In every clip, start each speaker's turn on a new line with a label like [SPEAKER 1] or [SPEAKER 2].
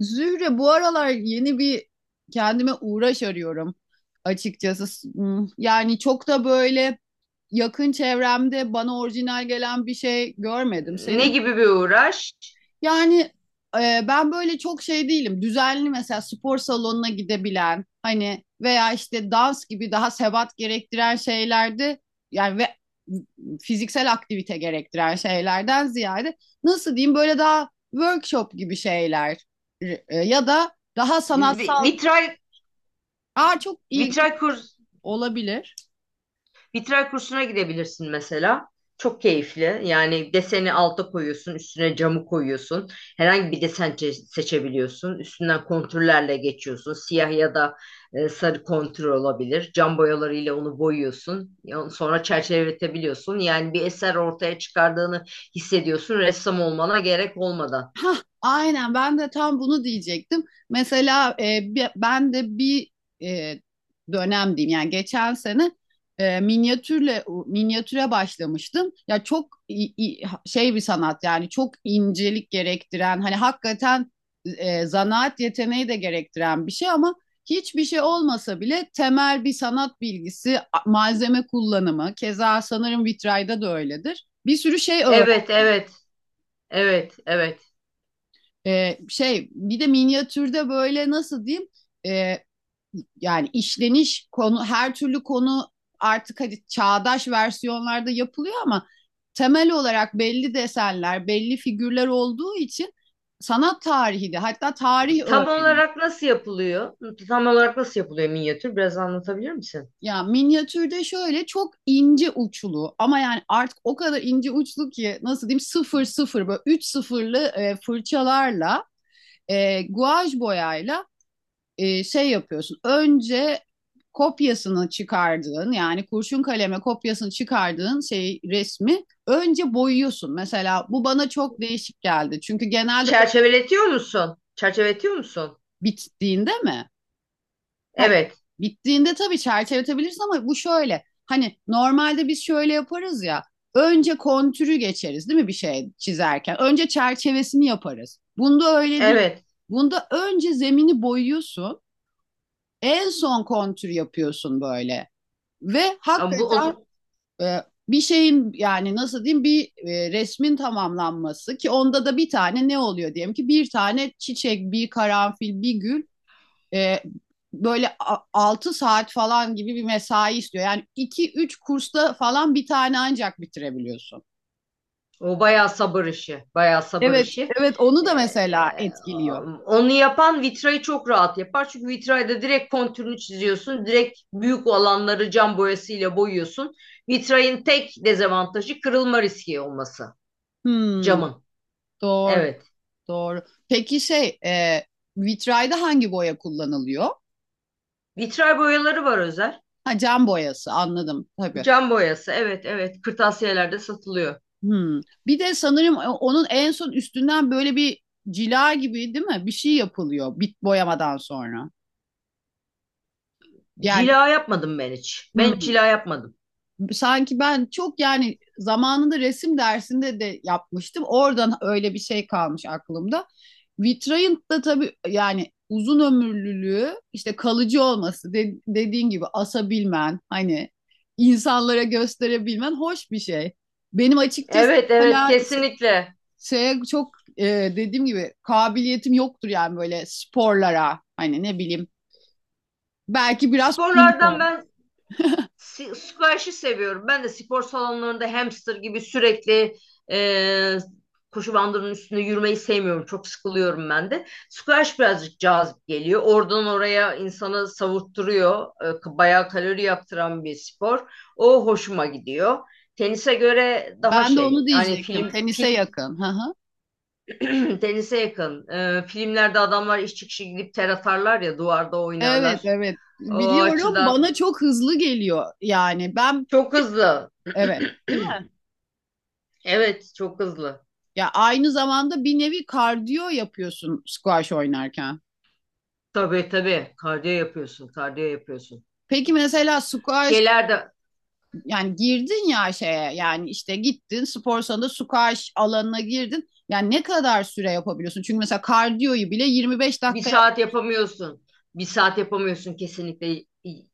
[SPEAKER 1] Zühre bu aralar yeni bir kendime uğraş arıyorum açıkçası. Yani çok da böyle yakın çevremde bana orijinal gelen bir şey görmedim.
[SPEAKER 2] Ne
[SPEAKER 1] Senin
[SPEAKER 2] gibi bir uğraş?
[SPEAKER 1] yani ben böyle çok şey değilim. Düzenli mesela spor salonuna gidebilen hani veya işte dans gibi daha sebat gerektiren şeylerde yani ve fiziksel aktivite gerektiren şeylerden ziyade nasıl diyeyim böyle daha workshop gibi şeyler ya da daha
[SPEAKER 2] Vi-
[SPEAKER 1] sanatsal.
[SPEAKER 2] Vitray
[SPEAKER 1] Aa çok ilginç
[SPEAKER 2] vitray kurs
[SPEAKER 1] olabilir.
[SPEAKER 2] Vitray kursuna gidebilirsin mesela. Çok keyifli. Yani deseni alta koyuyorsun, üstüne camı koyuyorsun. Herhangi bir desen seçebiliyorsun. Üstünden kontürlerle geçiyorsun. Siyah ya da sarı kontür olabilir. Cam boyalarıyla onu boyuyorsun. Sonra çerçeveletebiliyorsun. Yani bir eser ortaya çıkardığını hissediyorsun ressam olmana gerek olmadan.
[SPEAKER 1] Hah, aynen ben de tam bunu diyecektim. Mesela ben de bir e, dönem diyeyim yani geçen sene minyatüre başlamıştım. Ya çok bir sanat yani çok incelik gerektiren hani hakikaten zanaat yeteneği de gerektiren bir şey ama hiçbir şey olmasa bile temel bir sanat bilgisi, malzeme kullanımı, keza sanırım vitrayda da öyledir. Bir sürü şey öğrendim.
[SPEAKER 2] Evet, evet, evet, evet.
[SPEAKER 1] Şey bir de minyatürde böyle nasıl diyeyim. Ee, Yani işleniş konu her türlü konu artık hadi çağdaş versiyonlarda yapılıyor ama temel olarak belli desenler belli figürler olduğu için sanat tarihi de hatta tarih
[SPEAKER 2] Tam
[SPEAKER 1] öğrenin.
[SPEAKER 2] olarak nasıl yapılıyor? Tam olarak nasıl yapılıyor minyatür? Biraz anlatabilir misin?
[SPEAKER 1] Ya minyatürde şöyle çok ince uçlu, ama yani artık o kadar ince uçlu ki nasıl diyeyim sıfır sıfır böyle üç sıfırlı fırçalarla guaj boyayla şey yapıyorsun. Önce kopyasını çıkardığın yani kurşun kaleme kopyasını çıkardığın şey resmi önce boyuyorsun. Mesela bu bana çok değişik geldi. Çünkü genelde
[SPEAKER 2] Çerçeveletiyor musun? Çerçeveletiyor musun?
[SPEAKER 1] bittiğinde mi? Hayır.
[SPEAKER 2] Evet,
[SPEAKER 1] Bittiğinde tabii çerçeveletebilirsin ama bu şöyle. Hani normalde biz şöyle yaparız ya. Önce kontürü geçeriz değil mi bir şey çizerken? Önce çerçevesini yaparız. Bunda öyle değil.
[SPEAKER 2] evet.
[SPEAKER 1] Bunda önce zemini boyuyorsun. En son kontür yapıyorsun böyle. Ve
[SPEAKER 2] Ama bu
[SPEAKER 1] hakikaten
[SPEAKER 2] o,
[SPEAKER 1] e, bir şeyin yani nasıl diyeyim bir resmin tamamlanması, ki onda da bir tane ne oluyor diyelim ki, bir tane çiçek, bir karanfil, bir gül e, böyle 6 saat falan gibi bir mesai istiyor. Yani iki üç kursta falan bir tane ancak bitirebiliyorsun.
[SPEAKER 2] o bayağı sabır işi, bayağı sabır
[SPEAKER 1] Evet,
[SPEAKER 2] işi.
[SPEAKER 1] evet, onu
[SPEAKER 2] Ee,
[SPEAKER 1] da mesela
[SPEAKER 2] e,
[SPEAKER 1] etkiliyor.
[SPEAKER 2] onu yapan vitrayı çok rahat yapar. Çünkü vitrayda direkt kontürünü çiziyorsun. Direkt büyük alanları cam boyasıyla boyuyorsun. Vitrayın tek dezavantajı kırılma riski olması.
[SPEAKER 1] Hmm,
[SPEAKER 2] Camın.
[SPEAKER 1] doğru,
[SPEAKER 2] Evet.
[SPEAKER 1] doğru. Peki vitrayda hangi boya kullanılıyor?
[SPEAKER 2] Vitray boyaları var özel.
[SPEAKER 1] Ha, cam boyası, anladım tabii.
[SPEAKER 2] Cam boyası. Evet, evet. Kırtasiyelerde satılıyor.
[SPEAKER 1] Hımm. Bir de sanırım onun en son üstünden böyle bir cila gibi değil mi? Bir şey yapılıyor bit boyamadan sonra. Yani
[SPEAKER 2] Cila yapmadım ben hiç. Ben hiç
[SPEAKER 1] hımm.
[SPEAKER 2] cila yapmadım.
[SPEAKER 1] Sanki ben çok yani zamanında resim dersinde de yapmıştım. Oradan öyle bir şey kalmış aklımda. Vitrayın da tabii yani uzun ömürlülüğü, işte kalıcı olması, de dediğin gibi asabilmen, hani insanlara gösterebilmen hoş bir şey. Benim açıkçası
[SPEAKER 2] Evet, evet,
[SPEAKER 1] mesela
[SPEAKER 2] kesinlikle.
[SPEAKER 1] şeye çok dediğim gibi kabiliyetim yoktur yani böyle sporlara, hani ne bileyim, belki biraz ping
[SPEAKER 2] Sporlardan
[SPEAKER 1] pong.
[SPEAKER 2] ben squash'ı seviyorum. Ben de spor salonlarında hamster gibi sürekli e, koşu bandının üstünde yürümeyi sevmiyorum. Çok sıkılıyorum ben de. Squash birazcık cazip geliyor. Oradan oraya insanı savurtturuyor. E, bayağı kalori yaktıran bir spor. O hoşuma gidiyor. Tenise göre daha
[SPEAKER 1] Ben de
[SPEAKER 2] şey
[SPEAKER 1] onu
[SPEAKER 2] yani
[SPEAKER 1] diyecektim.
[SPEAKER 2] film,
[SPEAKER 1] Tenise yakın. Hı hı.
[SPEAKER 2] film tenise yakın. E, filmlerde adamlar iş çıkışı gidip ter atarlar ya, duvarda
[SPEAKER 1] Evet,
[SPEAKER 2] oynarlar.
[SPEAKER 1] evet.
[SPEAKER 2] O
[SPEAKER 1] Biliyorum,
[SPEAKER 2] açıdan
[SPEAKER 1] bana çok hızlı geliyor. Yani ben
[SPEAKER 2] çok hızlı.
[SPEAKER 1] evet, değil mi?
[SPEAKER 2] Evet, çok hızlı.
[SPEAKER 1] Ya aynı zamanda bir nevi kardiyo yapıyorsun squash oynarken.
[SPEAKER 2] Tabii tabii. Kardiyo yapıyorsun, kardiyo yapıyorsun.
[SPEAKER 1] Peki mesela squash,
[SPEAKER 2] Şeylerde
[SPEAKER 1] yani girdin ya şeye, yani işte gittin spor salonunda squash alanına girdin. Yani ne kadar süre yapabiliyorsun? Çünkü mesela kardiyoyu bile 25
[SPEAKER 2] bir
[SPEAKER 1] dakika yap.
[SPEAKER 2] saat yapamıyorsun. Bir saat yapamıyorsun kesinlikle.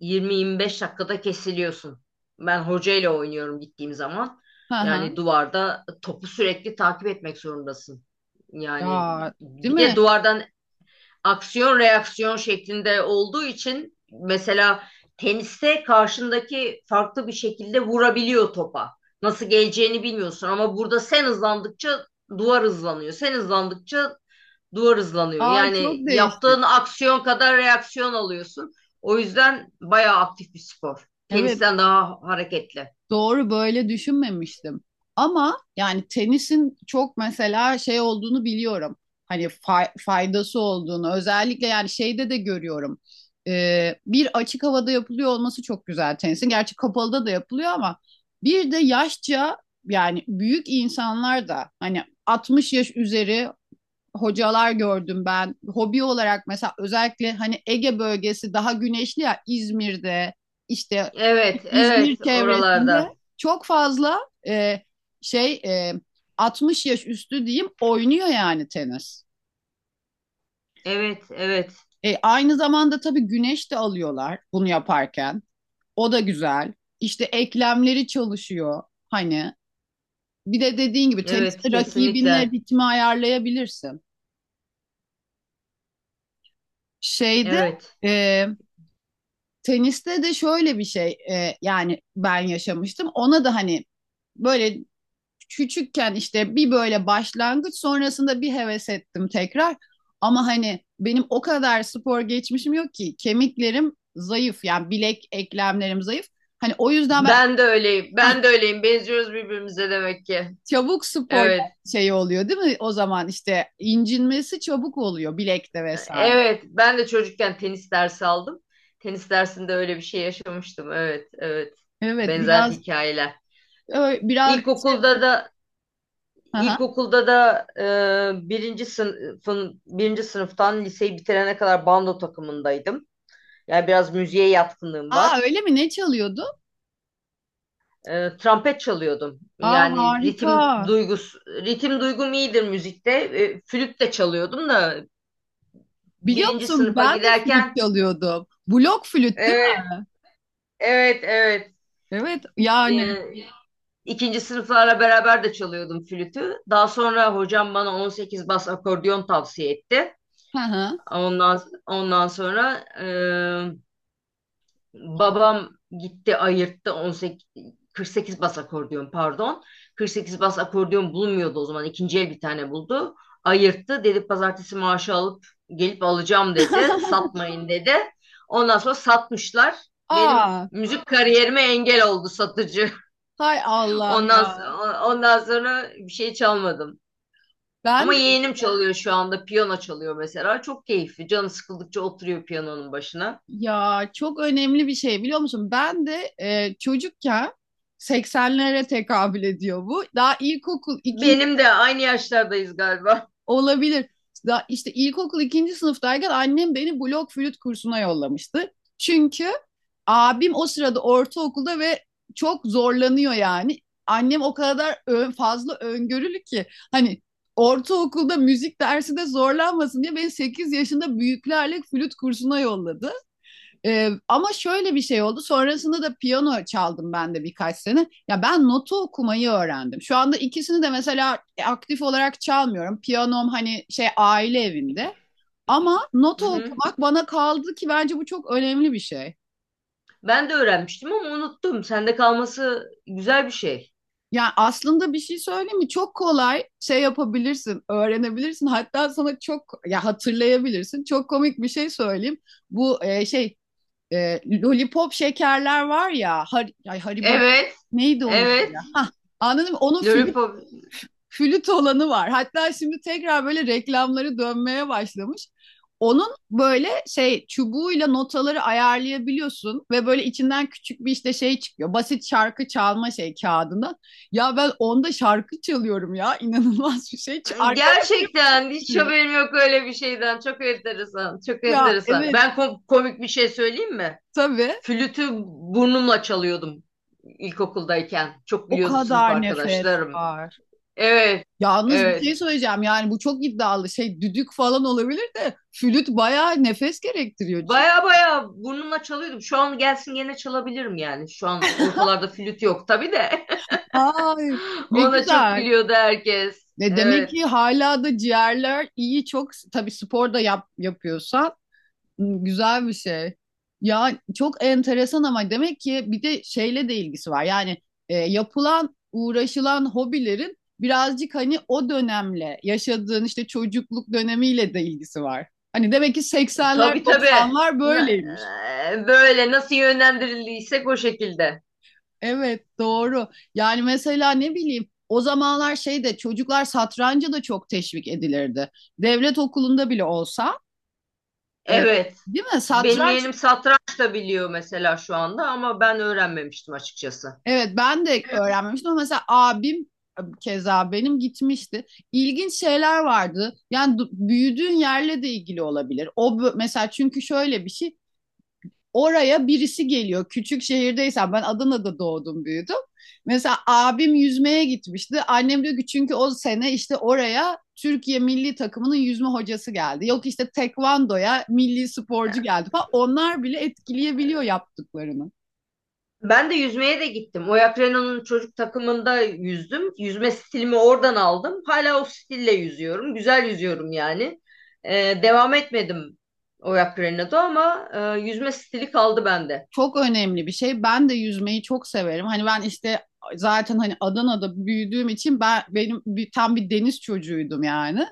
[SPEAKER 2] 20-25 dakikada kesiliyorsun. Ben hocayla oynuyorum gittiğim zaman.
[SPEAKER 1] Hı
[SPEAKER 2] Yani
[SPEAKER 1] hı.
[SPEAKER 2] duvarda topu sürekli takip etmek zorundasın. Yani
[SPEAKER 1] Ya değil
[SPEAKER 2] bir de
[SPEAKER 1] mi?
[SPEAKER 2] duvardan aksiyon reaksiyon şeklinde olduğu için mesela teniste karşındaki farklı bir şekilde vurabiliyor topa. Nasıl geleceğini bilmiyorsun ama burada sen hızlandıkça duvar hızlanıyor. Sen hızlandıkça duvar hızlanıyor.
[SPEAKER 1] Aa
[SPEAKER 2] Yani
[SPEAKER 1] çok değişik.
[SPEAKER 2] yaptığın aksiyon kadar reaksiyon alıyorsun. O yüzden bayağı aktif bir spor.
[SPEAKER 1] Evet,
[SPEAKER 2] Tenisten daha hareketli.
[SPEAKER 1] doğru, böyle düşünmemiştim. Ama yani tenisin çok mesela şey olduğunu biliyorum. Hani faydası olduğunu özellikle yani şeyde de görüyorum. Bir açık havada yapılıyor olması çok güzel tenisin. Gerçi kapalıda da yapılıyor ama bir de yaşça yani büyük insanlar da, hani 60 yaş üzeri hocalar gördüm ben. Hobi olarak mesela özellikle hani Ege bölgesi daha güneşli ya, İzmir'de işte
[SPEAKER 2] Evet,
[SPEAKER 1] İzmir
[SPEAKER 2] evet oralarda.
[SPEAKER 1] çevresinde çok fazla e, şey e, 60 yaş üstü diyeyim oynuyor yani tenis.
[SPEAKER 2] Evet, evet,
[SPEAKER 1] E, aynı zamanda tabii güneş de alıyorlar bunu yaparken. O da güzel. İşte eklemleri çalışıyor hani. Bir de dediğin gibi
[SPEAKER 2] evet
[SPEAKER 1] teniste rakibinle
[SPEAKER 2] kesinlikle.
[SPEAKER 1] ritmi ayarlayabilirsin. Şeyde
[SPEAKER 2] Evet.
[SPEAKER 1] e, teniste de şöyle bir şey yani ben yaşamıştım. Ona da hani böyle küçükken işte bir böyle başlangıç sonrasında bir heves ettim tekrar. Ama hani benim o kadar spor geçmişim yok ki, kemiklerim zayıf yani, bilek eklemlerim zayıf. Hani o yüzden ben.
[SPEAKER 2] Ben de öyleyim.
[SPEAKER 1] Hah,
[SPEAKER 2] Ben de öyleyim. Benziyoruz birbirimize demek ki.
[SPEAKER 1] çabuk spor
[SPEAKER 2] Evet.
[SPEAKER 1] şey oluyor değil mi? O zaman işte incinmesi çabuk oluyor bilekte vesaire.
[SPEAKER 2] Evet. Ben de çocukken tenis dersi aldım. Tenis dersinde öyle bir şey yaşamıştım. Evet. Evet.
[SPEAKER 1] Evet,
[SPEAKER 2] Benzer
[SPEAKER 1] biraz
[SPEAKER 2] hikayeler.
[SPEAKER 1] ö- biraz şey-
[SPEAKER 2] İlkokulda da
[SPEAKER 1] Aha.
[SPEAKER 2] ilkokulda da birinci sınıftan liseyi bitirene kadar bando takımındaydım. Yani biraz müziğe yatkınlığım
[SPEAKER 1] Aa
[SPEAKER 2] var.
[SPEAKER 1] öyle mi? Ne çalıyordu?
[SPEAKER 2] E, trompet çalıyordum.
[SPEAKER 1] Aa
[SPEAKER 2] Yani
[SPEAKER 1] harika.
[SPEAKER 2] ritim duygum iyidir müzikte. E, flüt de çalıyordum da
[SPEAKER 1] Biliyor
[SPEAKER 2] birinci
[SPEAKER 1] musun
[SPEAKER 2] sınıfa
[SPEAKER 1] ben de flüt
[SPEAKER 2] giderken.
[SPEAKER 1] çalıyordum. Blok flüt değil mi?
[SPEAKER 2] Evet, evet, evet.
[SPEAKER 1] Evet yani.
[SPEAKER 2] e, ikinci sınıflarla beraber de çalıyordum flütü. Daha sonra hocam bana 18 bas akordeon tavsiye etti.
[SPEAKER 1] Hı hı.
[SPEAKER 2] Ondan sonra, babam gitti ayırttı 18 48 bas akordeon pardon. 48 bas akordeon bulmuyordu o zaman. İkinci el bir tane buldu. Ayırttı. Dedi pazartesi maaşı alıp gelip alacağım dedi. Satmayın dedi. Ondan sonra satmışlar. Benim
[SPEAKER 1] Aa,
[SPEAKER 2] müzik kariyerime engel oldu satıcı.
[SPEAKER 1] hay Allah
[SPEAKER 2] Ondan
[SPEAKER 1] ya.
[SPEAKER 2] so- ondan sonra bir şey çalmadım. Ama
[SPEAKER 1] Ben de
[SPEAKER 2] yeğenim çalıyor şu anda. Piyano çalıyor mesela. Çok keyifli. Canı sıkıldıkça oturuyor piyanonun başına.
[SPEAKER 1] ya, çok önemli bir şey biliyor musun? Ben de çocukken, seksenlere tekabül ediyor bu. Daha ilkokul.
[SPEAKER 2] Benim de aynı yaşlardayız galiba.
[SPEAKER 1] Olabilir. Da işte ilkokul ikinci sınıftayken annem beni blok flüt kursuna yollamıştı. Çünkü abim o sırada ortaokulda ve çok zorlanıyor yani. Annem o kadar fazla öngörülü ki hani ortaokulda müzik dersi de zorlanmasın diye beni 8 yaşında büyüklerle flüt kursuna yolladı. Ama şöyle bir şey oldu. Sonrasında da piyano çaldım ben de birkaç sene. Ya, ben notu okumayı öğrendim. Şu anda ikisini de mesela aktif olarak çalmıyorum. Piyanom hani şey, aile evinde. Ama
[SPEAKER 2] Hı
[SPEAKER 1] notu
[SPEAKER 2] hı.
[SPEAKER 1] okumak bana kaldı, ki bence bu çok önemli bir şey.
[SPEAKER 2] Ben de öğrenmiştim ama unuttum. Sende kalması güzel bir şey.
[SPEAKER 1] Yani aslında bir şey söyleyeyim mi? Çok kolay şey yapabilirsin, öğrenebilirsin. Hatta sana çok ya hatırlayabilirsin. Çok komik bir şey söyleyeyim. Bu lollipop şekerler var ya, har, ay Haribo,
[SPEAKER 2] Evet,
[SPEAKER 1] neydi onun adı
[SPEAKER 2] evet.
[SPEAKER 1] ya? Hah, anladın mı? Onun
[SPEAKER 2] Lollipop.
[SPEAKER 1] flüt olanı var. Hatta şimdi tekrar böyle reklamları dönmeye başlamış. Onun böyle şey çubuğuyla notaları ayarlayabiliyorsun ve böyle içinden küçük bir işte şey çıkıyor. Basit şarkı çalma şey kağıdından. Ya ben onda şarkı çalıyorum ya. İnanılmaz bir şey. Arkadaşlarım çok
[SPEAKER 2] Gerçekten hiç
[SPEAKER 1] biliyor.
[SPEAKER 2] haberim yok öyle bir şeyden. Çok enteresan, çok
[SPEAKER 1] Ya
[SPEAKER 2] enteresan.
[SPEAKER 1] evet,
[SPEAKER 2] Ben komik bir şey söyleyeyim mi?
[SPEAKER 1] tabii,
[SPEAKER 2] Flütü burnumla çalıyordum ilkokuldayken. Çok
[SPEAKER 1] o
[SPEAKER 2] biliyordu sınıf
[SPEAKER 1] kadar nefes
[SPEAKER 2] arkadaşlarım.
[SPEAKER 1] var.
[SPEAKER 2] Evet,
[SPEAKER 1] Yalnız bir
[SPEAKER 2] evet.
[SPEAKER 1] şey söyleyeceğim, yani bu çok iddialı, şey düdük falan olabilir de flüt bayağı nefes gerektiriyor çünkü.
[SPEAKER 2] Baya baya burnumla çalıyordum. Şu an gelsin gene çalabilirim yani. Şu an ortalarda flüt yok tabii de.
[SPEAKER 1] Ay ne
[SPEAKER 2] Ona çok
[SPEAKER 1] güzel.
[SPEAKER 2] gülüyordu herkes.
[SPEAKER 1] E demek
[SPEAKER 2] Evet.
[SPEAKER 1] ki hala da ciğerler iyi, çok tabii spor da yapıyorsan, m, güzel bir şey. Ya çok enteresan ama demek ki bir de şeyle de ilgisi var. Yani yapılan uğraşılan hobilerin birazcık hani o dönemle, yaşadığın işte çocukluk dönemiyle de ilgisi var. Hani demek ki 80'ler
[SPEAKER 2] Tabii tabii.
[SPEAKER 1] 90'lar
[SPEAKER 2] Na-
[SPEAKER 1] böyleymiş.
[SPEAKER 2] Böyle nasıl yönlendirildiysek o şekilde.
[SPEAKER 1] Evet, doğru. Yani mesela ne bileyim o zamanlar şey de çocuklar satranca da çok teşvik edilirdi. Devlet okulunda bile olsa e,
[SPEAKER 2] Evet.
[SPEAKER 1] değil mi?
[SPEAKER 2] Benim
[SPEAKER 1] Satranç,
[SPEAKER 2] yeğenim satranç da biliyor mesela şu anda ama ben öğrenmemiştim açıkçası.
[SPEAKER 1] evet ben de öğrenmemiştim ama mesela abim keza benim gitmişti. İlginç şeyler vardı. Yani büyüdüğün yerle de ilgili olabilir. Mesela çünkü şöyle bir şey, oraya birisi geliyor. Küçük şehirdeysem, ben Adana'da doğdum büyüdüm. Mesela abim yüzmeye gitmişti. Annem diyor ki çünkü o sene işte oraya Türkiye milli takımının yüzme hocası geldi. Yok işte tekvandoya milli sporcu geldi falan. Onlar bile etkileyebiliyor yaptıklarını.
[SPEAKER 2] Ben de yüzmeye de gittim. Oyak Renault'un çocuk takımında yüzdüm. Yüzme stilimi oradan aldım. Hala o stille yüzüyorum. Güzel yüzüyorum yani. Devam etmedim Oyak Renault'da ama yüzme stili kaldı bende.
[SPEAKER 1] Çok önemli bir şey. Ben de yüzmeyi çok severim. Hani ben işte zaten hani Adana'da büyüdüğüm için tam bir deniz çocuğuydum yani.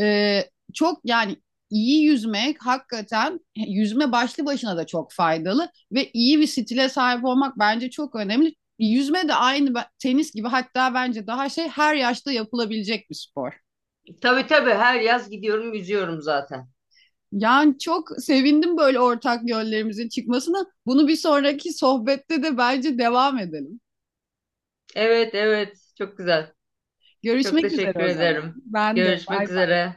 [SPEAKER 1] Ee, Çok yani iyi yüzmek hakikaten yüzme başlı başına da çok faydalı ve iyi bir stile sahip olmak bence çok önemli. Yüzme de aynı tenis gibi, hatta bence daha şey, her yaşta yapılabilecek bir spor.
[SPEAKER 2] Tabii tabii her yaz gidiyorum yüzüyorum zaten.
[SPEAKER 1] Yani çok sevindim böyle ortak yönlerimizin çıkmasına. Bunu bir sonraki sohbette de bence devam edelim.
[SPEAKER 2] Evet, evet çok güzel. Çok
[SPEAKER 1] Görüşmek üzere
[SPEAKER 2] teşekkür
[SPEAKER 1] o zaman.
[SPEAKER 2] ederim.
[SPEAKER 1] Ben de,
[SPEAKER 2] Görüşmek
[SPEAKER 1] bay bay.
[SPEAKER 2] üzere.